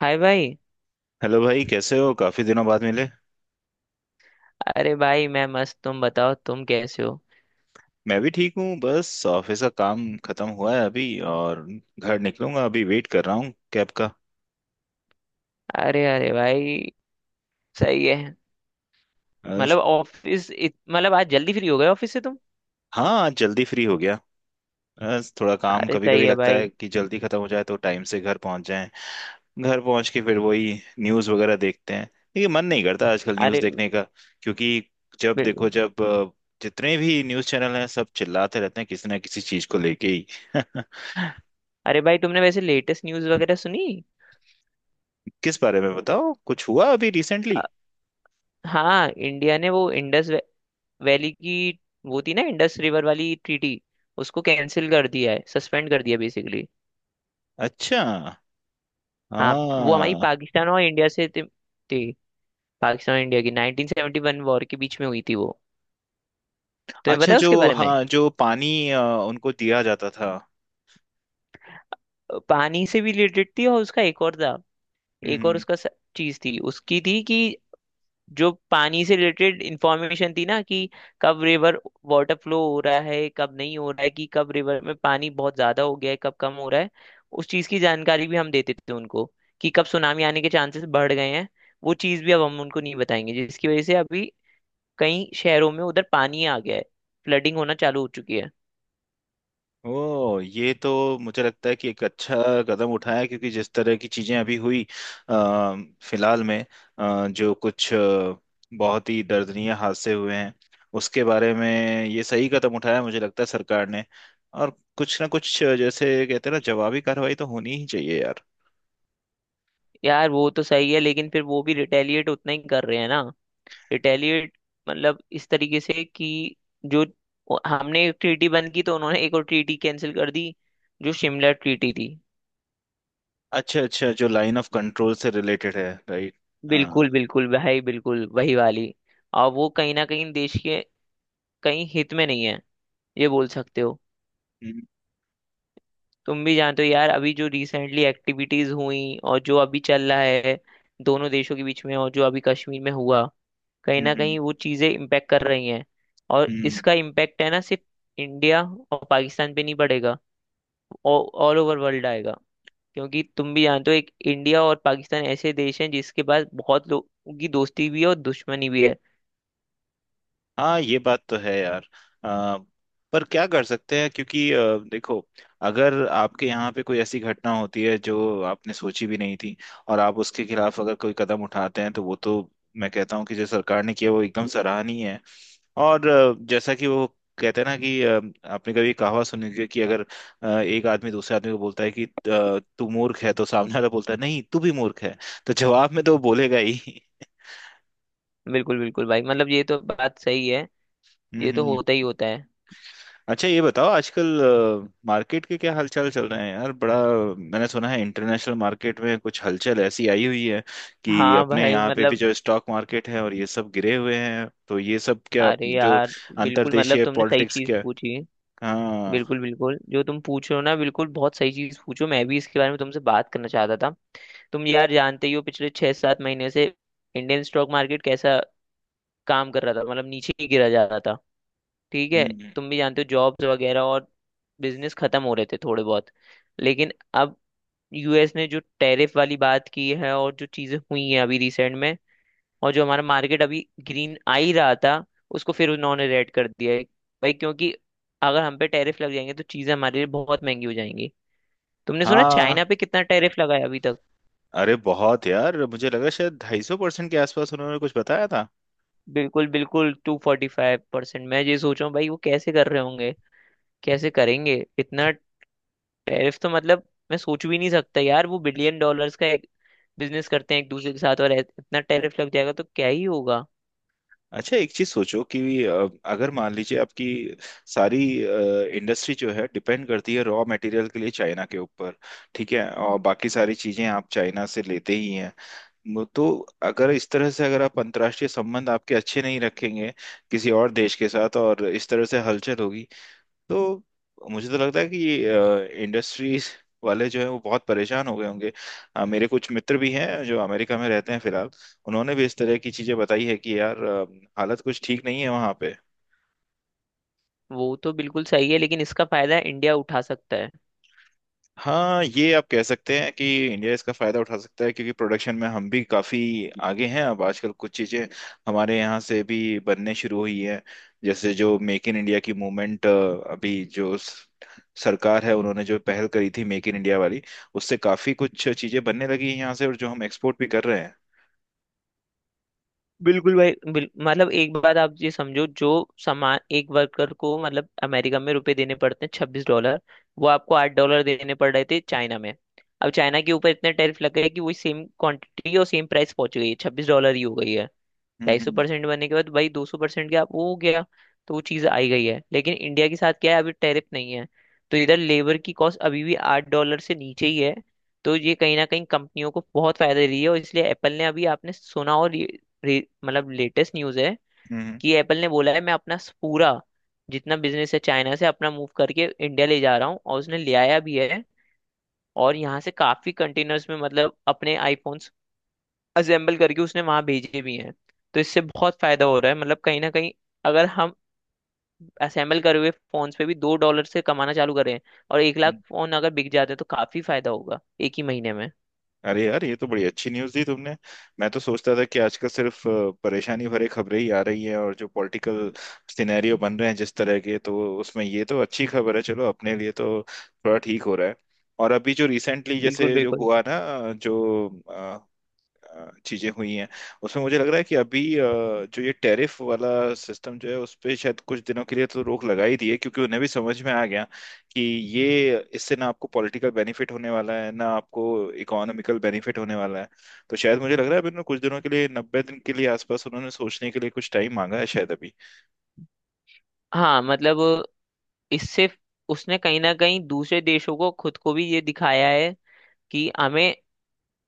हाय भाई। हेलो भाई, कैसे हो? काफी दिनों बाद मिले। अरे भाई मैं मस्त। तुम बताओ तुम कैसे हो? मैं भी ठीक हूँ। बस ऑफिस का काम खत्म हुआ है अभी, और घर निकलूंगा। अभी वेट कर रहा हूँ कैब का। अरे अरे भाई। सही है। अ, मतलब आज जल्दी फ्री हो गए ऑफिस से तुम? हाँ, आज जल्दी फ्री हो गया। थोड़ा काम, अरे कभी सही कभी है लगता भाई। है कि जल्दी खत्म हो जाए तो टाइम से घर पहुंच जाएं। घर पहुंच के फिर वही न्यूज़ वगैरह देखते हैं। लेकिन मन नहीं करता आजकल न्यूज़ अरे देखने का। क्योंकि जब बिल्कुल। देखो, जब जितने भी न्यूज़ चैनल हैं, सब चिल्लाते रहते हैं किसी ना किसी चीज को लेके ही। अरे भाई तुमने वैसे लेटेस्ट न्यूज़ वगैरह सुनी? किस बारे में? बताओ, कुछ हुआ अभी रिसेंटली? अ, हाँ इंडिया ने वो इंडस वैली की वो थी ना, इंडस रिवर वाली ट्रीटी। उसको कैंसिल कर दिया है, सस्पेंड कर दिया बेसिकली। अच्छा। हाँ वो हमारी हाँ। पाकिस्तान और इंडिया से थी। पाकिस्तान और इंडिया की 1971 वॉर के बीच में हुई थी वो। तुम्हें अच्छा, पता है जो, उसके बारे में? हाँ, जो पानी उनको दिया जाता था। पानी से भी रिलेटेड थी और उसका एक और था। एक और हम्म। उसका चीज थी उसकी, थी कि जो पानी से रिलेटेड इंफॉर्मेशन थी ना, कि कब रिवर वाटर फ्लो हो रहा है कब नहीं हो रहा है, कि कब रिवर में पानी बहुत ज्यादा हो गया है कब कम हो रहा है। उस चीज की जानकारी भी हम देते थे उनको, कि कब सुनामी आने के चांसेस बढ़ गए हैं। वो चीज भी अब हम उनको नहीं बताएंगे, जिसकी वजह से अभी कई शहरों में उधर पानी आ गया है, फ्लडिंग होना चालू हो चुकी है। ओ, ये तो मुझे लगता है कि एक अच्छा कदम उठाया है, क्योंकि जिस तरह की चीजें अभी हुई, अ, फिलहाल में, जो कुछ बहुत ही दर्दनीय हादसे हुए हैं उसके बारे में, ये सही कदम उठाया है, मुझे लगता है सरकार ने। और कुछ ना कुछ, जैसे कहते हैं ना, जवाबी कार्रवाई तो होनी ही चाहिए यार। यार वो तो सही है लेकिन फिर वो भी रिटेलिएट उतना ही कर रहे हैं ना। रिटेलिएट मतलब इस तरीके से कि जो हमने एक ट्रीटी बंद की तो उन्होंने एक और ट्रीटी कैंसिल कर दी, जो शिमला ट्रीटी थी। अच्छा अच्छा, जो लाइन ऑफ कंट्रोल से रिलेटेड है। राइट। हाँ। बिल्कुल बिल्कुल भाई, बिल्कुल वही वाली। और वो कहीं ना कहीं देश के कहीं हित में नहीं है, ये बोल सकते हो। तुम भी जानते हो यार अभी जो रिसेंटली एक्टिविटीज हुई और जो अभी चल रहा है दोनों देशों के बीच में, और जो अभी कश्मीर में हुआ, कहीं ना हम्म। कहीं वो चीजें इम्पेक्ट कर रही हैं। और हम्म। इसका इम्पेक्ट है ना, सिर्फ इंडिया और पाकिस्तान पे नहीं पड़ेगा, ऑल ओवर वर्ल्ड आएगा। क्योंकि तुम भी जानते हो, एक इंडिया और पाकिस्तान ऐसे देश हैं जिसके पास बहुत लोगों की दोस्ती भी है और दुश्मनी भी है। हाँ, ये बात तो है यार। आ, पर क्या कर सकते हैं? क्योंकि देखो, अगर आपके यहाँ पे कोई ऐसी घटना होती है जो आपने सोची भी नहीं थी, और आप उसके खिलाफ अगर कोई कदम उठाते हैं, तो वो तो, मैं कहता हूँ कि जो सरकार ने किया वो एकदम सराहनीय है। और जैसा कि वो कहते हैं ना कि आपने कभी कहावत सुनी होगी कि अगर एक आदमी दूसरे आदमी को बोलता है कि तू मूर्ख है, तो सामने वाला बोलता है, नहीं तू भी मूर्ख है। तो जवाब में तो वो बोलेगा ही। बिल्कुल बिल्कुल भाई, मतलब ये तो बात सही है। हम्म ये तो हम्म। होता ही होता है। अच्छा, ये बताओ, आजकल मार्केट के क्या हालचाल चल रहे हैं यार? बड़ा, मैंने सुना है इंटरनेशनल मार्केट में कुछ हलचल ऐसी आई हुई है कि हाँ अपने भाई यहाँ पे भी मतलब, जो स्टॉक मार्केट है और ये सब गिरे हुए हैं। तो ये सब क्या, अरे जो यार बिल्कुल, मतलब अंतर्देशीय तुमने सही पॉलिटिक्स, चीज क्या? पूछी। हाँ। बिल्कुल बिल्कुल, जो तुम पूछ रहे हो ना, बिल्कुल बहुत सही चीज पूछो, मैं भी इसके बारे में तुमसे बात करना चाहता था। तुम यार जानते ही हो पिछले छह सात महीने से इंडियन स्टॉक मार्केट कैसा काम कर रहा था, मतलब नीचे ही गिरा जा रहा था। ठीक है। हम्म। तुम भी जानते हो जॉब्स वगैरह और बिजनेस खत्म हो रहे थे थोड़े बहुत। लेकिन अब यूएस ने जो टैरिफ वाली बात की है और जो चीजें हुई हैं अभी रिसेंट में, और जो हमारा मार्केट अभी ग्रीन आ ही रहा था, उसको फिर उन्होंने रेड कर दिया है भाई। क्योंकि अगर हम पे टैरिफ लग जाएंगे तो चीजें हमारे लिए बहुत महंगी हो जाएंगी। तुमने सुना हाँ, चाइना पे कितना टैरिफ लगा है अभी तक? अरे बहुत यार, मुझे लगा शायद 250% के आसपास उन्होंने कुछ बताया था। बिल्कुल बिल्कुल, 245%। मैं ये सोच रहा हूँ भाई, वो कैसे कर रहे होंगे, कैसे करेंगे इतना टैरिफ तो। मतलब मैं सोच भी नहीं सकता यार, वो बिलियन डॉलर्स का एक बिजनेस करते हैं एक दूसरे के साथ, और इतना टैरिफ लग जाएगा तो क्या ही होगा। अच्छा, एक चीज सोचो कि अगर मान लीजिए आपकी सारी इंडस्ट्री जो है, डिपेंड करती है रॉ मटेरियल के लिए चाइना के ऊपर। ठीक है? और बाकी सारी चीजें आप चाइना से लेते ही हैं। तो अगर इस तरह से, अगर आप अंतर्राष्ट्रीय संबंध आपके अच्छे नहीं रखेंगे किसी और देश के साथ, और इस तरह से हलचल होगी, तो मुझे तो लगता है कि इंडस्ट्रीज वाले जो है, वो बहुत परेशान हो गए होंगे। मेरे कुछ मित्र भी हैं जो अमेरिका में रहते हैं फिलहाल। उन्होंने भी इस तरह की चीजें बताई है कि यार, हालत कुछ ठीक नहीं है वहाँ पे। वो तो बिल्कुल सही है लेकिन इसका फायदा इंडिया उठा सकता है। हाँ, ये आप कह सकते हैं कि इंडिया इसका फायदा उठा सकता है, क्योंकि प्रोडक्शन में हम भी काफी आगे हैं। अब आजकल कुछ चीजें हमारे यहाँ से भी बनने शुरू हुई हैं। जैसे जो मेक इन इंडिया की मूवमेंट, अभी जो सरकार है, उन्होंने जो पहल करी थी मेक इन इंडिया वाली, उससे काफी कुछ चीजें बनने लगी हैं यहाँ से और जो हम एक्सपोर्ट भी कर रहे हैं। बिल्कुल भाई मतलब एक बात आप ये समझो, जो सामान एक वर्कर को मतलब अमेरिका में रुपए देने पड़ते हैं $26, वो आपको $8 देने पड़ रहे थे चाइना में। अब चाइना के ऊपर इतने टैरिफ लग गए कि वही सेम क्वांटिटी और सेम प्राइस पहुंच गई है, $26 ही हो गई है। ढाई सौ हम्म। परसेंट बनने के बाद भाई, 200% क्या वो हो गया। तो वो चीज़ आई गई है, लेकिन इंडिया के साथ क्या है, अभी टैरिफ नहीं है। तो इधर लेबर की कॉस्ट अभी भी $8 से नीचे ही है। तो ये कहीं ना कहीं कंपनियों को बहुत फायदा दे रही है, और इसलिए एप्पल ने अभी, आपने सुना और मतलब लेटेस्ट न्यूज़ है, हम्म हम्म। कि एप्पल ने बोला है मैं अपना पूरा जितना बिजनेस है चाइना से अपना मूव करके इंडिया ले जा रहा हूँ, और उसने ले आया भी है। और यहाँ से काफी कंटेनर्स में मतलब अपने आईफोन असेंबल करके उसने वहां भेजे भी हैं। तो इससे बहुत फायदा हो रहा है, मतलब कहीं ना कहीं अगर हम असेंबल करे हुए फोन्स पे भी $2 से कमाना चालू करें, और एक लाख हम्म। फोन अगर बिक जाते हैं तो काफी फायदा होगा एक ही महीने में। अरे यार, ये तो बड़ी अच्छी न्यूज़ दी तुमने। मैं तो सोचता था कि आजकल सिर्फ परेशानी भरे खबरें ही आ रही है, और जो पॉलिटिकल सिनेरियो बन रहे हैं जिस तरह के, तो उसमें ये तो अच्छी खबर है। चलो, अपने लिए तो थोड़ा ठीक हो रहा है। और अभी जो रिसेंटली बिल्कुल जैसे जो बिल्कुल। हुआ ना, जो चीजें हुई हैं, उसमें मुझे लग रहा है कि अभी जो ये टैरिफ वाला सिस्टम जो है, उस पे शायद कुछ दिनों के लिए तो रोक लगा ही दी है, क्योंकि उन्हें भी समझ में आ गया कि ये, इससे ना आपको पॉलिटिकल बेनिफिट होने वाला है ना आपको इकोनॉमिकल बेनिफिट होने वाला है। तो शायद मुझे लग रहा है, अभी उन्होंने कुछ दिनों के लिए, 90 दिन के लिए आसपास, उन्होंने सोचने के लिए कुछ टाइम मांगा है शायद अभी। हाँ मतलब, इससे उसने कहीं ना कहीं दूसरे देशों को, खुद को भी, ये दिखाया है कि हमें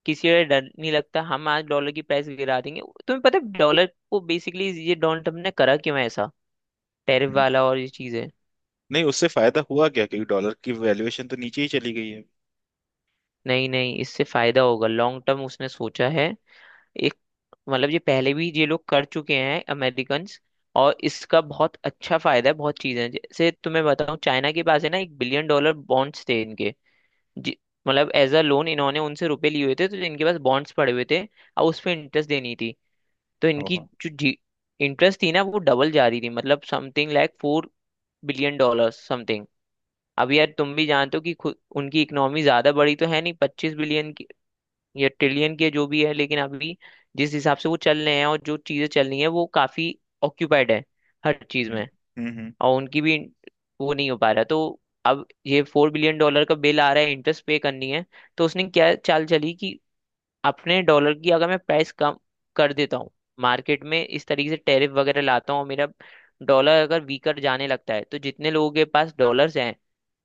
किसी का डर नहीं लगता, हम आज डॉलर की प्राइस गिरा देंगे। तुम्हें पता है डॉलर को बेसिकली ये डोनाल्ड ट्रम्प ने करा क्यों है ऐसा, टैरिफ हम्म। वाला और ये चीजें? नहीं, उससे फायदा हुआ क्या? क्योंकि डॉलर की वैल्यूएशन तो नीचे ही चली गई है। नहीं नहीं, इससे फायदा होगा लॉन्ग टर्म, उसने सोचा है एक। मतलब ये पहले भी ये लोग कर चुके हैं अमेरिकन्स। और इसका बहुत अच्छा फायदा है, बहुत चीजें हैं। जैसे तुम्हें बताऊं, चाइना के पास है ना, 1 बिलियन डॉलर बॉन्ड्स थे इनके। जी- मतलब एज अ लोन इन्होंने उनसे रुपए लिए हुए थे, तो इनके पास बॉन्ड्स पड़े हुए थे, और उस पे इंटरेस्ट देनी थी। तो इनकी ओहो। जो इंटरेस्ट थी ना, वो डबल जा रही थी, मतलब something like 4 billion dollar something. अब यार तुम भी जानते हो कि खुद उनकी इकोनॉमी ज्यादा बड़ी तो है नहीं, 25 बिलियन या ट्रिलियन के जो भी है, लेकिन अभी जिस हिसाब से वो चल रहे हैं और जो चीजें चल रही हैं वो काफी ऑक्यूपाइड है हर चीज हम्म में। हम्म। हम्म। और उनकी भी वो नहीं हो पा रहा। तो अब ये 4 बिलियन डॉलर का बिल आ रहा है इंटरेस्ट पे करनी है। तो उसने क्या चाल चली कि अपने डॉलर की अगर मैं प्राइस कम कर देता हूँ मार्केट में, इस तरीके से टैरिफ वगैरह लाता हूँ, और मेरा डॉलर अगर वीकर जाने लगता है तो जितने लोगों के पास डॉलर्स हैं,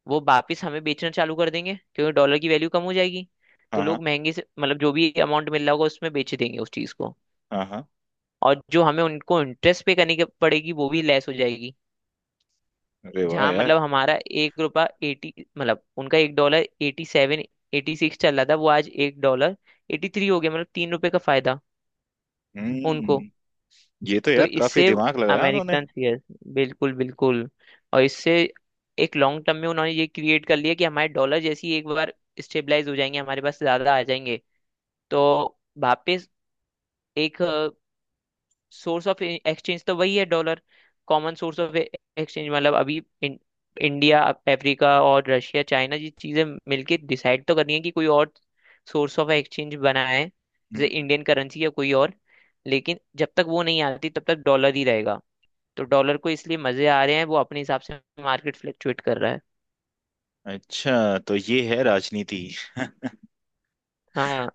वो वापिस हमें बेचना चालू कर देंगे क्योंकि डॉलर की वैल्यू कम हो जाएगी। तो हाँ लोग हाँ। महंगे से, मतलब जो भी अमाउंट मिल रहा होगा उसमें बेच देंगे उस चीज को। हाँ हाँ। और जो हमें उनको इंटरेस्ट पे करनी पड़ेगी, वो भी लेस हो जाएगी। अरे वाह जहाँ यार। मतलब हमारा एक रुपया एटी, मतलब उनका एक डॉलर 87 86 चल रहा था, वो आज एक डॉलर 83 हो गया, मतलब 3 रुपए का फायदा उनको। हम्म। ये तो तो यार काफी इससे दिमाग लगाया उन्होंने। अमेरिकन, यस बिल्कुल बिल्कुल, और इससे एक लॉन्ग टर्म में उन्होंने ये क्रिएट कर लिया कि हमारे डॉलर जैसी एक बार स्टेबलाइज हो जाएंगे, हमारे पास ज्यादा आ जाएंगे। तो वापस एक सोर्स ऑफ एक्सचेंज तो वही है dollar, common source of exchange, मतलब अभी इंडिया, अफ्रीका और रशिया, चाइना, ये चीजें मिलके डिसाइड तो करनी है कि कोई और सोर्स ऑफ एक्सचेंज बनाए, जैसे हम्म। इंडियन करेंसी या कोई और। लेकिन जब तक वो नहीं आती तब तक डॉलर ही रहेगा। तो डॉलर को इसलिए मजे आ रहे हैं, वो अपने हिसाब से मार्केट फ्लक्चुएट कर रहा है। अच्छा, तो ये है राजनीति। हाँ।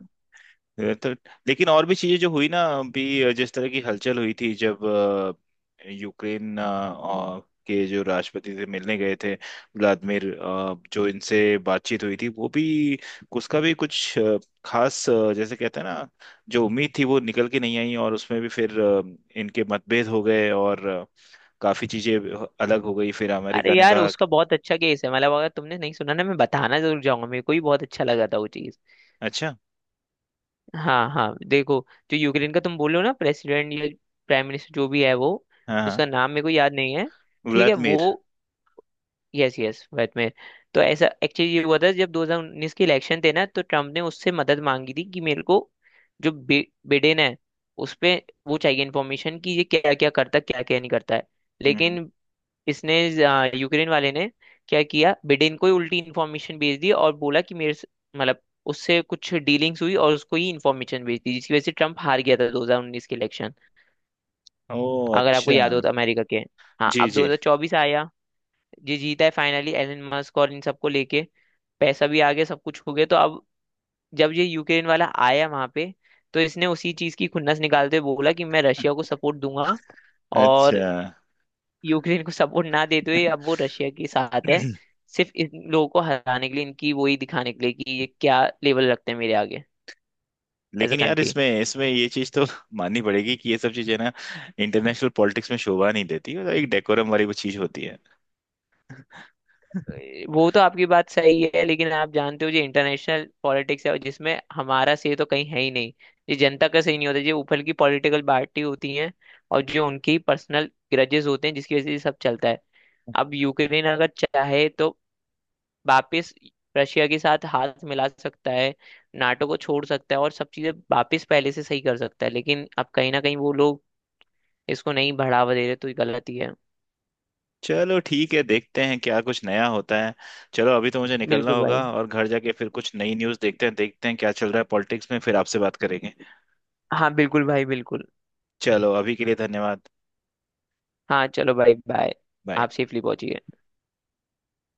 ये तो, लेकिन और भी चीजें जो हुई ना, अभी जिस तरह की हलचल हुई थी, जब यूक्रेन और के जो राष्ट्रपति से मिलने गए थे, व्लादिमीर, जो इनसे बातचीत हुई थी वो भी, उसका भी कुछ खास, जैसे कहते हैं ना, जो उम्मीद थी वो निकल के नहीं आई, और उसमें भी फिर इनके मतभेद हो गए और काफी चीजें अलग हो गई। फिर अरे अमेरिका ने यार कहा। उसका बहुत अच्छा केस है, मतलब अगर तुमने नहीं सुना ना, मैं बताना जरूर जाऊंगा, मेरे को भी बहुत अच्छा लगा था वो चीज़। अच्छा। हाँ हाँ देखो, जो यूक्रेन का तुम बोल रहे हो ना, प्रेसिडेंट या प्राइम मिनिस्टर जो भी है वो, हाँ हाँ, उसका नाम मेरे को याद नहीं है। ठीक है, व्लादिमीर। वो, यस यस, वैट में। तो ऐसा एक्चुअली ये हुआ था जब 2019 के इलेक्शन थे ना, तो ट्रम्प ने उससे मदद मांगी थी कि मेरे को जो बिडेन है उस पे वो चाहिए इन्फॉर्मेशन, कि ये क्या क्या करता क्या क्या नहीं करता है। हम्म। लेकिन इसने, यूक्रेन वाले ने क्या किया, बिडेन को ही उल्टी इन्फॉर्मेशन भेज दी और बोला कि मतलब उससे कुछ डीलिंग्स हुई, और उसको ही इन्फॉर्मेशन भेज दी, जिसकी वजह से ट्रम्प हार गया था 2019 के इलेक्शन, ओ, अगर आपको अच्छा। याद हो तो, अमेरिका के। हाँ जी अब जी। 2024 आया, ये जीता है फाइनली, एलन मस्क और इन सबको लेके पैसा भी आ गया, सब कुछ हो गया, तो अब जब ये यूक्रेन वाला आया वहां पे, तो इसने उसी चीज की खुन्नस निकालते हुए बोला कि मैं रशिया को सपोर्ट दूंगा, और अच्छा। यूक्रेन को सपोर्ट ना देते हुए अब वो रशिया के साथ है। सिर्फ इन लोगों को हराने के लिए, इनकी वही दिखाने के लिए कि ये क्या लेवल रखते हैं मेरे आगे एज अ लेकिन यार, कंट्री। इसमें इसमें ये चीज तो माननी पड़ेगी कि ये सब चीजें ना इंटरनेशनल पॉलिटिक्स में शोभा नहीं देती। मतलब एक डेकोरम वाली वो चीज होती है। वो तो आपकी बात सही है, लेकिन आप जानते हो, जो इंटरनेशनल पॉलिटिक्स है जिसमें हमारा सही तो कहीं है ही नहीं। ये जनता का सही नहीं होता, ये ऊपर की पॉलिटिकल पार्टी होती है, और जो उनकी पर्सनल ग्रजेस होते हैं जिसकी वजह से ये सब चलता है। अब यूक्रेन अगर चाहे तो वापस रशिया के साथ हाथ मिला सकता है, नाटो को छोड़ सकता है, और सब चीजें वापस पहले से सही कर सकता है, लेकिन अब कहीं ना कहीं वो लोग इसको नहीं बढ़ावा दे रहे, तो ये गलत ही है। चलो, ठीक है, देखते हैं क्या कुछ नया होता है। चलो अभी तो मुझे निकलना बिल्कुल होगा, भाई। और घर जाके फिर कुछ नई न्यूज़ देखते हैं, देखते हैं क्या चल रहा है पॉलिटिक्स में, फिर आपसे बात करेंगे। हाँ बिल्कुल भाई बिल्कुल। चलो, अभी के लिए धन्यवाद। हाँ चलो भाई, बाय। बाय। आप सेफली पहुंचिए।